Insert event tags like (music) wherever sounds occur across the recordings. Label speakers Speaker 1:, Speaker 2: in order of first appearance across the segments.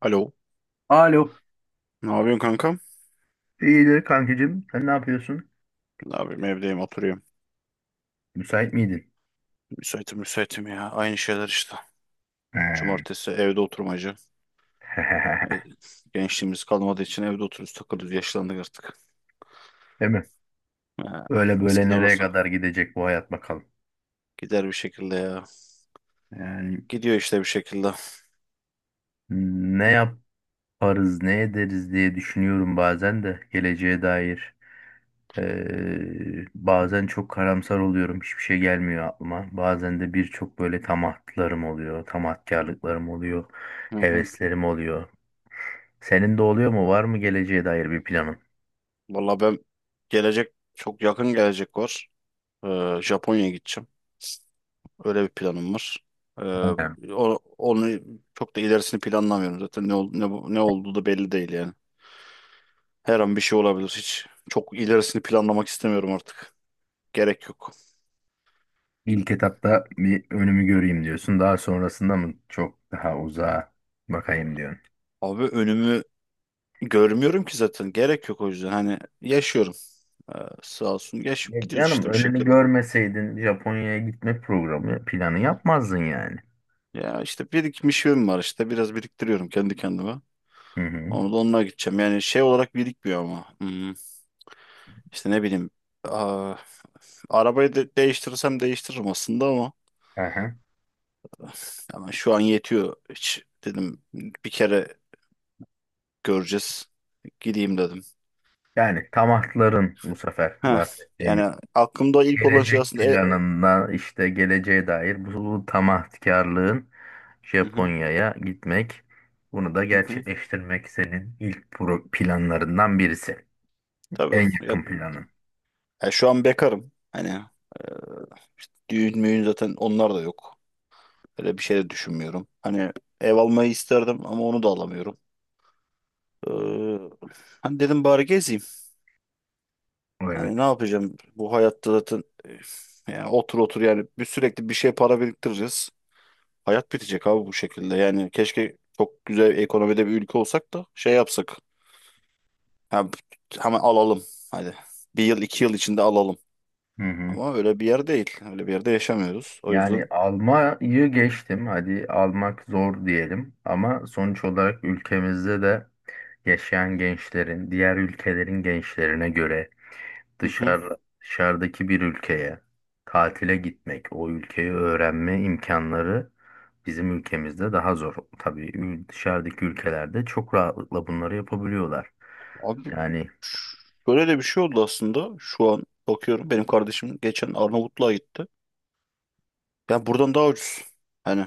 Speaker 1: Alo.
Speaker 2: Alo.
Speaker 1: Ne yapıyorsun kankam?
Speaker 2: İyidir kankacığım. Sen ne yapıyorsun?
Speaker 1: Ne yapayım evdeyim oturuyorum.
Speaker 2: Müsait miydin?
Speaker 1: Müsaitim müsaitim ya. Aynı şeyler işte.
Speaker 2: He.
Speaker 1: Cumartesi evde oturmacı. E,
Speaker 2: (laughs)
Speaker 1: gençliğimiz kalmadığı için evde oturuyoruz takılıyoruz. Yaşlandık artık.
Speaker 2: Değil mi?
Speaker 1: Ha,
Speaker 2: Böyle böyle
Speaker 1: eskiden
Speaker 2: nereye
Speaker 1: olsa
Speaker 2: kadar gidecek bu hayat bakalım.
Speaker 1: gider bir şekilde ya.
Speaker 2: Yani
Speaker 1: Gidiyor işte bir şekilde.
Speaker 2: ne yaparız, ne ederiz diye düşünüyorum bazen de geleceğe dair. Bazen çok karamsar oluyorum. Hiçbir şey gelmiyor aklıma. Bazen de birçok böyle tamatlarım oluyor. Tamatkarlıklarım oluyor.
Speaker 1: Hı hı.
Speaker 2: Heveslerim oluyor. Senin de oluyor mu? Var mı geleceğe dair bir planın?
Speaker 1: Valla ben gelecek çok yakın gelecek var. Japonya'ya gideceğim. Öyle bir planım var. Ee, onu çok da ilerisini planlamıyorum zaten. Ne, ol- ne, bu- ne olduğu da belli değil yani. Her an bir şey olabilir. Hiç çok ilerisini planlamak istemiyorum artık. Gerek yok.
Speaker 2: İlk etapta bir önümü göreyim diyorsun. Daha sonrasında mı çok daha uzağa bakayım diyorsun.
Speaker 1: Abi önümü görmüyorum ki zaten. Gerek yok o yüzden. Hani yaşıyorum. Sağ olsun yaşayıp
Speaker 2: Ya
Speaker 1: gidiyoruz
Speaker 2: canım
Speaker 1: işte bir
Speaker 2: önünü
Speaker 1: şekilde.
Speaker 2: görmeseydin Japonya'ya gitme programı planı yapmazdın yani.
Speaker 1: Ya işte birikmişim var işte. Biraz biriktiriyorum kendi kendime.
Speaker 2: Hı hı.
Speaker 1: Onu da onunla gideceğim. Yani şey olarak birikmiyor ama. İşte ne bileyim. Aa, arabayı de değiştirirsem değiştiririm aslında ama.
Speaker 2: Aha.
Speaker 1: Ama şu an yetiyor. Hiç dedim bir kere göreceğiz. Gideyim dedim.
Speaker 2: Yani taahhütlerin bu sefer
Speaker 1: Ha,
Speaker 2: bahsettiğimiz
Speaker 1: yani aklımda ilk olan şey
Speaker 2: gelecek
Speaker 1: aslında
Speaker 2: planında işte geleceğe dair bu tamahkarlığın
Speaker 1: hı hı,
Speaker 2: Japonya'ya gitmek bunu da
Speaker 1: hı hı.
Speaker 2: gerçekleştirmek senin ilk planlarından birisi.
Speaker 1: Tabii
Speaker 2: En
Speaker 1: ya,
Speaker 2: yakın planın.
Speaker 1: ya şu an bekarım. Hani düğün müğün zaten onlar da yok. Öyle bir şey de düşünmüyorum. Hani ev almayı isterdim ama onu da alamıyorum. Ee, hani dedim bari gezeyim. Hani
Speaker 2: Evet.
Speaker 1: ne yapacağım bu hayatta zaten yani otur otur yani bir sürekli bir şey para biriktireceğiz. Hayat bitecek abi bu şekilde. Yani keşke çok güzel ekonomide bir ülke olsak da şey yapsak. Ha, hemen alalım. Hadi. Bir yıl 2 yıl içinde alalım.
Speaker 2: Hı hı.
Speaker 1: Ama öyle bir yer değil. Öyle bir yerde yaşamıyoruz. O
Speaker 2: Yani
Speaker 1: yüzden.
Speaker 2: Almanya'yı geçtim. Hadi almak zor diyelim. Ama sonuç olarak ülkemizde de yaşayan gençlerin, diğer ülkelerin gençlerine göre
Speaker 1: Hı hı.
Speaker 2: dışarıdaki bir ülkeye tatile gitmek, o ülkeyi öğrenme imkanları bizim ülkemizde daha zor. Tabii dışarıdaki ülkelerde çok rahatlıkla bunları yapabiliyorlar.
Speaker 1: Abi
Speaker 2: Yani
Speaker 1: böyle de bir şey oldu aslında. Şu an bakıyorum. Benim kardeşim geçen Arnavutluğa gitti. Ya buradan daha ucuz. Hani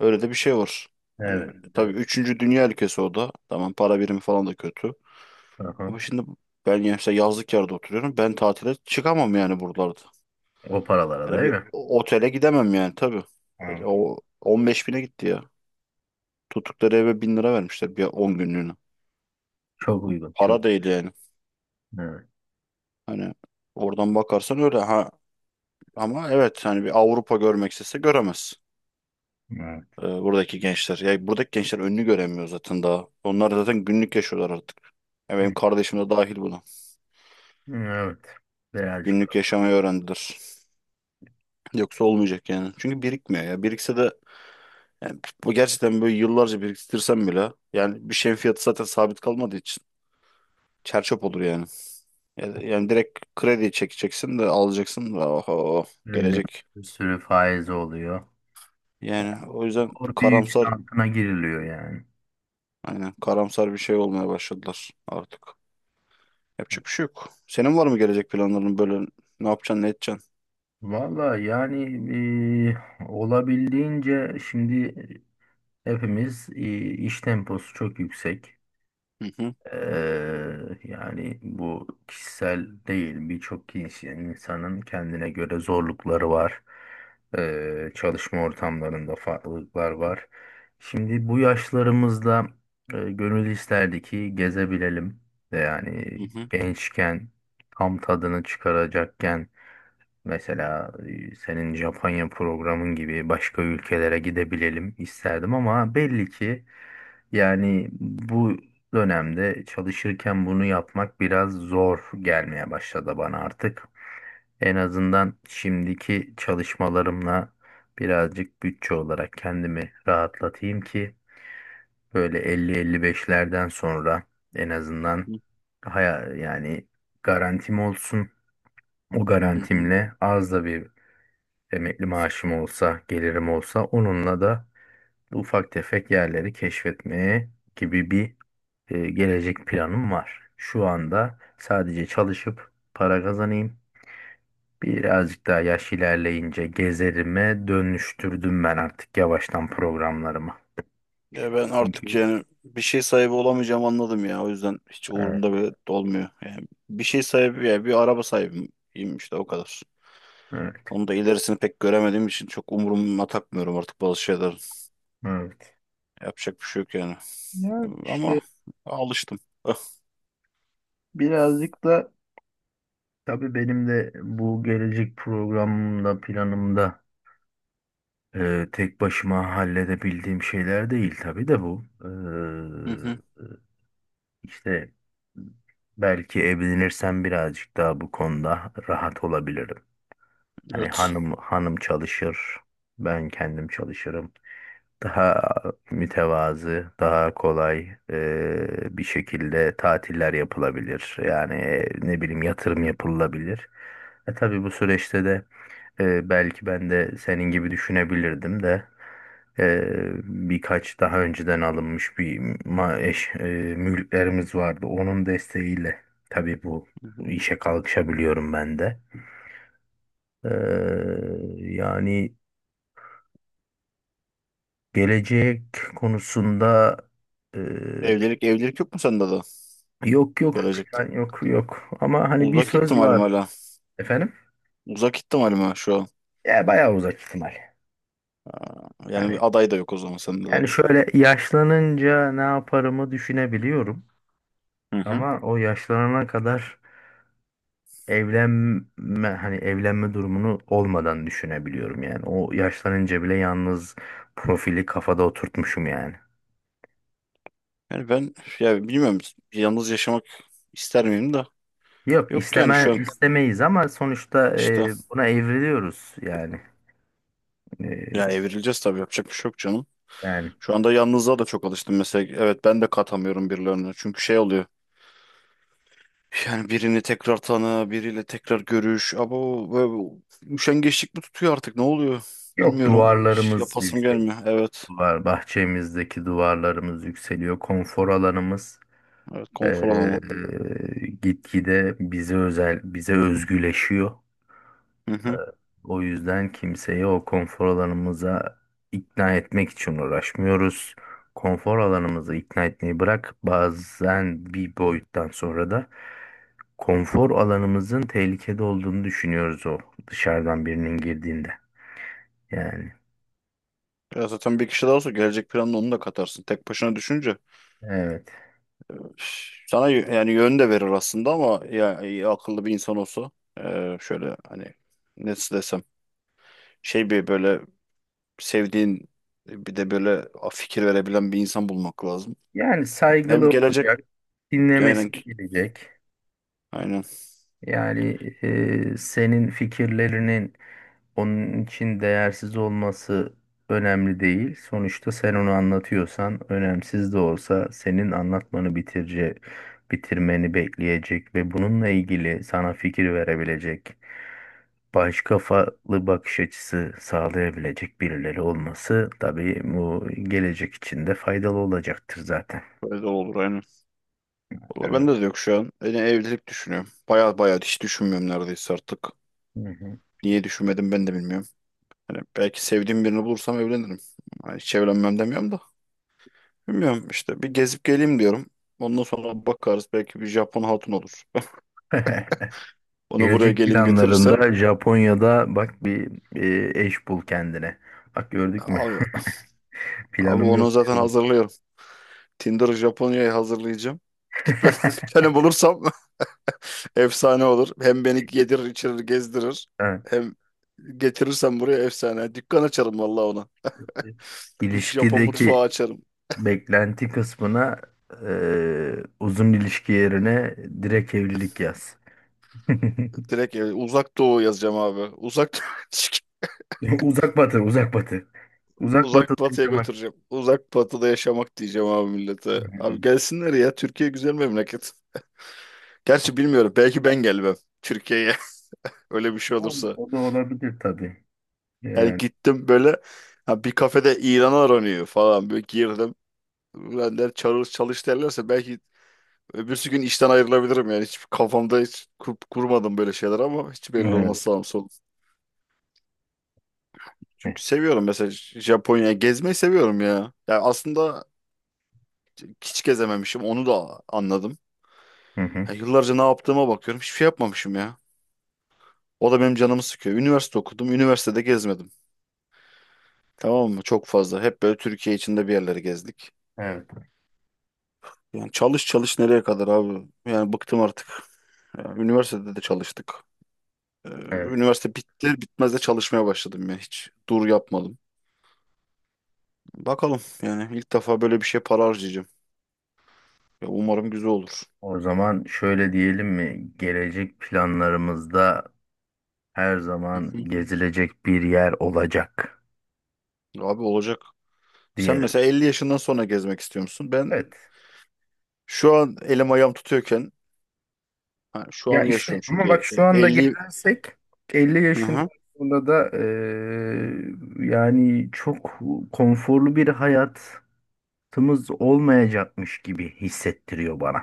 Speaker 1: öyle de bir şey var.
Speaker 2: evet,
Speaker 1: Hani tabii
Speaker 2: evet.
Speaker 1: üçüncü dünya ülkesi o da. Tamam para birimi falan da kötü.
Speaker 2: Aha.
Speaker 1: Ama şimdi ben mesela yazlık yerde oturuyorum. Ben tatile çıkamam yani buralarda.
Speaker 2: O paralara
Speaker 1: Hani
Speaker 2: değil
Speaker 1: bir
Speaker 2: mi?
Speaker 1: otele gidemem yani tabii. E,
Speaker 2: Evet,
Speaker 1: o 15 bine gitti ya. Tuttukları eve 1.000 lira vermişler bir 10 günlüğüne.
Speaker 2: çok uygun, çok.
Speaker 1: Para değil yani.
Speaker 2: Evet.
Speaker 1: Hani oradan bakarsan öyle ha. Ama evet hani bir Avrupa görmek istese göremez.
Speaker 2: Evet.
Speaker 1: E, buradaki gençler. Ya buradaki gençler önünü göremiyor zaten daha. Onlar zaten günlük yaşıyorlar artık. Ya benim kardeşim de dahil buna.
Speaker 2: Evet. Birazcık
Speaker 1: Günlük yaşamayı öğrendiler. Yoksa olmayacak yani. Çünkü birikmiyor ya. Birikse de yani bu gerçekten böyle yıllarca biriktirsem bile yani bir şeyin fiyatı zaten sabit kalmadığı için. Çerçöp olur yani. Yani direkt kredi çekeceksin de alacaksın da oho,
Speaker 2: öyle
Speaker 1: gelecek.
Speaker 2: bir sürü faiz oluyor.
Speaker 1: Yani o yüzden
Speaker 2: Doğru bir yükün
Speaker 1: karamsar
Speaker 2: altına giriliyor yani.
Speaker 1: aynen karamsar bir şey olmaya başladılar artık. Yapacak bir şey yok. Senin var mı gelecek planların böyle ne yapacaksın ne edeceksin?
Speaker 2: Valla yani olabildiğince şimdi hepimiz iş temposu çok yüksek.
Speaker 1: Hı hı,
Speaker 2: Yani bu kişisel değil birçok kişi insanın kendine göre zorlukları var. Çalışma ortamlarında farklılıklar var. Şimdi bu yaşlarımızda gönül isterdi ki gezebilelim. Yani
Speaker 1: hı hı,
Speaker 2: gençken tam tadını çıkaracakken mesela senin Japonya programın gibi başka ülkelere gidebilelim isterdim ama belli ki yani bu dönemde çalışırken bunu yapmak biraz zor gelmeye başladı bana artık. En azından şimdiki çalışmalarımla birazcık bütçe olarak kendimi rahatlatayım ki böyle 50-55'lerden sonra en azından
Speaker 1: hı
Speaker 2: yani garantim olsun. O
Speaker 1: hı. Hı.
Speaker 2: garantimle az da bir emekli maaşım olsa, gelirim olsa onunla da ufak tefek yerleri keşfetmeye gibi bir gelecek planım var. Şu anda sadece çalışıp para kazanayım. Birazcık daha yaş ilerleyince gezerime dönüştürdüm ben artık yavaştan programlarımı.
Speaker 1: Ya ben artık
Speaker 2: Çünkü
Speaker 1: yani bir şey sahibi olamayacağım anladım ya. O yüzden hiç
Speaker 2: evet,
Speaker 1: umurumda bile olmuyor. Yani bir şey sahibi yani bir araba sahibiyim işte o kadar.
Speaker 2: evet,
Speaker 1: Onu da ilerisini pek göremediğim için çok umuruma takmıyorum artık bazı şeyler.
Speaker 2: evet.
Speaker 1: Yapacak bir şey yok yani.
Speaker 2: Ya
Speaker 1: Ama
Speaker 2: işte
Speaker 1: alıştım. Ah,
Speaker 2: birazcık da tabii benim de bu gelecek programımda, planımda tek başıma halledebildiğim şeyler değil tabii de bu.
Speaker 1: hı hı,
Speaker 2: İşte belki evlenirsem birazcık daha bu konuda rahat olabilirim. Hani
Speaker 1: evet.
Speaker 2: hanım hanım çalışır, ben kendim çalışırım. Daha mütevazı, daha kolay bir şekilde tatiller yapılabilir. Yani ne bileyim yatırım yapılabilir. Tabii bu süreçte de belki ben de senin gibi düşünebilirdim de ee, birkaç daha önceden alınmış bir ma eş, e, mülklerimiz vardı. Onun desteğiyle tabii bu
Speaker 1: Hı hı.
Speaker 2: işe kalkışabiliyorum ben de. Ee, Yani gelecek konusunda e,
Speaker 1: Evlilik evlilik yok mu sende de
Speaker 2: yok yok
Speaker 1: gelecekte?
Speaker 2: plan yok yok ama hani bir
Speaker 1: Uzak
Speaker 2: söz
Speaker 1: ihtimalim
Speaker 2: vardı
Speaker 1: hala.
Speaker 2: efendim.
Speaker 1: Uzak ihtimalim ha şu an.
Speaker 2: Ya bayağı uzak ihtimal.
Speaker 1: Aa, yani
Speaker 2: Yani
Speaker 1: bir aday da yok o zaman sende de.
Speaker 2: yani şöyle yaşlanınca ne yaparımı düşünebiliyorum.
Speaker 1: Hı hı.
Speaker 2: Ama o yaşlanana kadar hani evlenme durumunu olmadan düşünebiliyorum yani. O yaşlanınca bile yalnız profili kafada oturtmuşum yani.
Speaker 1: Yani ben ya bilmiyorum yalnız yaşamak ister miyim da?
Speaker 2: Yok
Speaker 1: Yok yani
Speaker 2: isteme
Speaker 1: şu an
Speaker 2: istemeyiz ama sonuçta
Speaker 1: işte
Speaker 2: buna evriliyoruz yani.
Speaker 1: ya
Speaker 2: E,
Speaker 1: evrileceğiz tabii yapacak bir şey yok canım.
Speaker 2: Yani
Speaker 1: Şu anda yalnızlığa da çok alıştım mesela. Evet ben de katamıyorum birilerine. Çünkü şey oluyor. Yani birini tekrar tanı, biriyle tekrar görüş. Abo böyle bir üşengeçlik mi tutuyor artık? Ne oluyor?
Speaker 2: yok
Speaker 1: Bilmiyorum. Hiç
Speaker 2: duvarlarımız
Speaker 1: yapasım
Speaker 2: yükseliyor.
Speaker 1: gelmiyor. Evet.
Speaker 2: Bahçemizdeki duvarlarımız yükseliyor. Konfor alanımız
Speaker 1: Evet,
Speaker 2: e,
Speaker 1: konfor alanı.
Speaker 2: gitgide bize özel bize özgüleşiyor.
Speaker 1: Hı hı.
Speaker 2: O yüzden kimseyi o konfor alanımıza ikna etmek için uğraşmıyoruz. Konfor alanımızı ikna etmeyi bırak. Bazen bir boyuttan sonra da konfor alanımızın tehlikede olduğunu düşünüyoruz o dışarıdan birinin girdiğinde. Yani
Speaker 1: Ya zaten bir kişi daha olsa gelecek planını onu da katarsın. Tek başına düşünce
Speaker 2: evet.
Speaker 1: sana yani yön de verir aslında ama ya, ya akıllı bir insan olsa şöyle hani nasıl desem şey bir böyle sevdiğin bir de böyle fikir verebilen bir insan bulmak lazım.
Speaker 2: Yani
Speaker 1: Hem
Speaker 2: saygılı
Speaker 1: gelecek
Speaker 2: olacak, dinlemesi
Speaker 1: aynen
Speaker 2: gelecek.
Speaker 1: aynen
Speaker 2: Yani senin fikirlerinin onun için değersiz olması önemli değil. Sonuçta sen onu anlatıyorsan önemsiz de olsa senin anlatmanı bitirmeni bekleyecek ve bununla ilgili sana fikir verebilecek, baş kafalı bakış açısı sağlayabilecek birileri olması tabii bu gelecek için de faydalı olacaktır zaten.
Speaker 1: böyle de olur aynen. Valla
Speaker 2: Yani,
Speaker 1: bende de yok şu an. Yani evlilik düşünüyorum. Baya baya hiç düşünmüyorum neredeyse artık.
Speaker 2: hı hı.
Speaker 1: Niye düşünmedim ben de bilmiyorum. Hani belki sevdiğim birini bulursam evlenirim. Hani hiç evlenmem demiyorum da. Bilmiyorum işte bir gezip geleyim diyorum. Ondan sonra bakarız belki bir Japon hatun olur.
Speaker 2: (laughs)
Speaker 1: (laughs) Onu buraya
Speaker 2: Gelecek
Speaker 1: gelin getirirsem
Speaker 2: planlarında Japonya'da bak bir eş bul kendine. Bak gördük mü?
Speaker 1: abi,
Speaker 2: (laughs)
Speaker 1: abi
Speaker 2: Planım yok
Speaker 1: onu zaten
Speaker 2: diyorum.
Speaker 1: hazırlıyorum. Tinder Japonya'yı hazırlayacağım. Gitmeden (laughs) bir
Speaker 2: (laughs)
Speaker 1: tane bulursam (laughs) efsane olur. Hem beni yedirir içirir gezdirir.
Speaker 2: Ha.
Speaker 1: Hem getirirsem buraya efsane. Dükkan açarım vallahi ona. Japon
Speaker 2: İlişkideki
Speaker 1: mutfağı açarım.
Speaker 2: beklenti kısmına uzun ilişki yerine direkt evlilik yaz. (laughs)
Speaker 1: Direkt uzak doğu yazacağım abi. Uzak (laughs)
Speaker 2: Uzak batı, uzak batı. Uzak
Speaker 1: uzak
Speaker 2: batıda
Speaker 1: batıya
Speaker 2: yaşamak
Speaker 1: götüreceğim. Uzak batıda yaşamak diyeceğim abi millete. Abi
Speaker 2: isterdim.
Speaker 1: gelsinler ya. Türkiye güzel memleket. Gerçi bilmiyorum. Belki ben gelmem Türkiye'ye. (laughs) Öyle bir şey
Speaker 2: Yani
Speaker 1: olursa.
Speaker 2: o da olabilir tabii.
Speaker 1: Yani
Speaker 2: Yani,
Speaker 1: gittim böyle ha, bir kafede İran aranıyor falan. Böyle girdim. Ben der çalış, çalış derlerse belki öbürsü gün işten ayrılabilirim yani. Hiç kafamda hiç kurmadım böyle şeyler ama hiç belli olmaz
Speaker 2: evet.
Speaker 1: sağım solum. Çünkü seviyorum mesela Japonya'ya gezmeyi seviyorum ya. Ya aslında hiç gezememişim onu da anladım.
Speaker 2: Hı hı.
Speaker 1: Ya yıllarca ne yaptığıma bakıyorum hiçbir şey yapmamışım ya. O da benim canımı sıkıyor. Üniversite okudum, üniversitede gezmedim. Tamam mı? Çok fazla. Hep böyle Türkiye içinde bir yerlere gezdik.
Speaker 2: Evet.
Speaker 1: Yani çalış çalış nereye kadar abi? Yani bıktım artık. Ya üniversitede de çalıştık. Ee,
Speaker 2: Evet.
Speaker 1: üniversite bitti, bitmez de çalışmaya başladım ya. Hiç dur yapmadım. Bakalım yani ilk defa böyle bir şey para harcayacağım. Ya umarım güzel olur.
Speaker 2: O zaman şöyle diyelim mi? Gelecek planlarımızda her
Speaker 1: Hı
Speaker 2: zaman
Speaker 1: hı.
Speaker 2: gezilecek bir yer olacak
Speaker 1: Abi olacak. Sen
Speaker 2: diyelim.
Speaker 1: mesela 50 yaşından sonra gezmek istiyor musun? Ben
Speaker 2: Evet.
Speaker 1: şu an elim ayağım tutuyorken ha, şu
Speaker 2: Ya
Speaker 1: an yaşıyorum
Speaker 2: işte ama
Speaker 1: çünkü
Speaker 2: bak şu anda
Speaker 1: 50.
Speaker 2: gelirsek 50
Speaker 1: Hı
Speaker 2: yaşında
Speaker 1: hı.
Speaker 2: sonra da yani çok konforlu bir hayatımız olmayacakmış gibi hissettiriyor bana.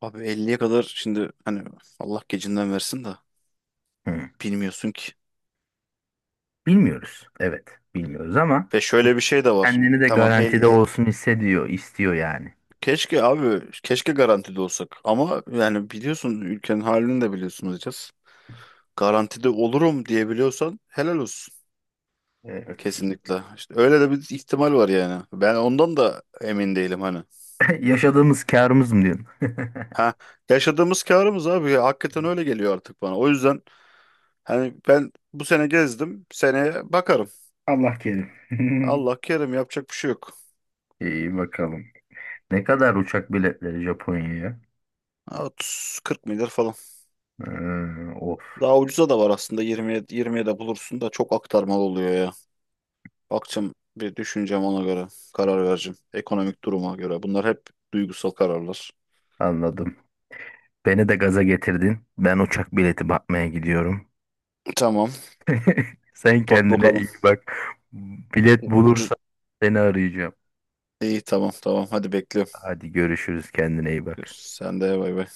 Speaker 1: Abi 50'ye kadar şimdi hani Allah gecinden versin de
Speaker 2: Hı.
Speaker 1: bilmiyorsun ki.
Speaker 2: Bilmiyoruz. Evet, bilmiyoruz ama
Speaker 1: Ve şöyle bir şey de var.
Speaker 2: kendini de
Speaker 1: Tamam
Speaker 2: garantide olsun hissediyor, istiyor yani.
Speaker 1: keşke abi keşke garantide olsak ama yani biliyorsun ülkenin halini de biliyorsunuz diyeceğiz. Garantide olurum diyebiliyorsan helal olsun.
Speaker 2: Evet.
Speaker 1: Kesinlikle. İşte öyle de bir ihtimal var yani. Ben ondan da emin değilim hani.
Speaker 2: (laughs) Yaşadığımız kârımız mı diyorsun? (laughs)
Speaker 1: Ha, yaşadığımız karımız abi ya, hakikaten öyle geliyor artık bana. O yüzden hani ben bu sene gezdim. Seneye bakarım.
Speaker 2: Allah kerim. (laughs)
Speaker 1: Allah kerim yapacak bir şey yok.
Speaker 2: İyi bakalım. Ne kadar uçak biletleri Japonya'ya?
Speaker 1: Ha, 30 40 milyar falan.
Speaker 2: Of,
Speaker 1: Daha ucuza da var aslında 20 20'ye de bulursun da çok aktarmalı oluyor ya. Bakacağım bir düşüneceğim ona göre karar vereceğim. Ekonomik duruma göre. Bunlar hep duygusal kararlar.
Speaker 2: anladım. Beni de gaza getirdin. Ben uçak bileti bakmaya gidiyorum.
Speaker 1: Tamam.
Speaker 2: Sen
Speaker 1: Bak
Speaker 2: kendine
Speaker 1: bakalım.
Speaker 2: iyi bak. Bilet
Speaker 1: Ucuz.
Speaker 2: bulursam seni arayacağım.
Speaker 1: İyi tamam tamam. Hadi bekliyorum.
Speaker 2: Hadi görüşürüz. Kendine iyi bak.
Speaker 1: Görüşürüz. Sen de bay bay.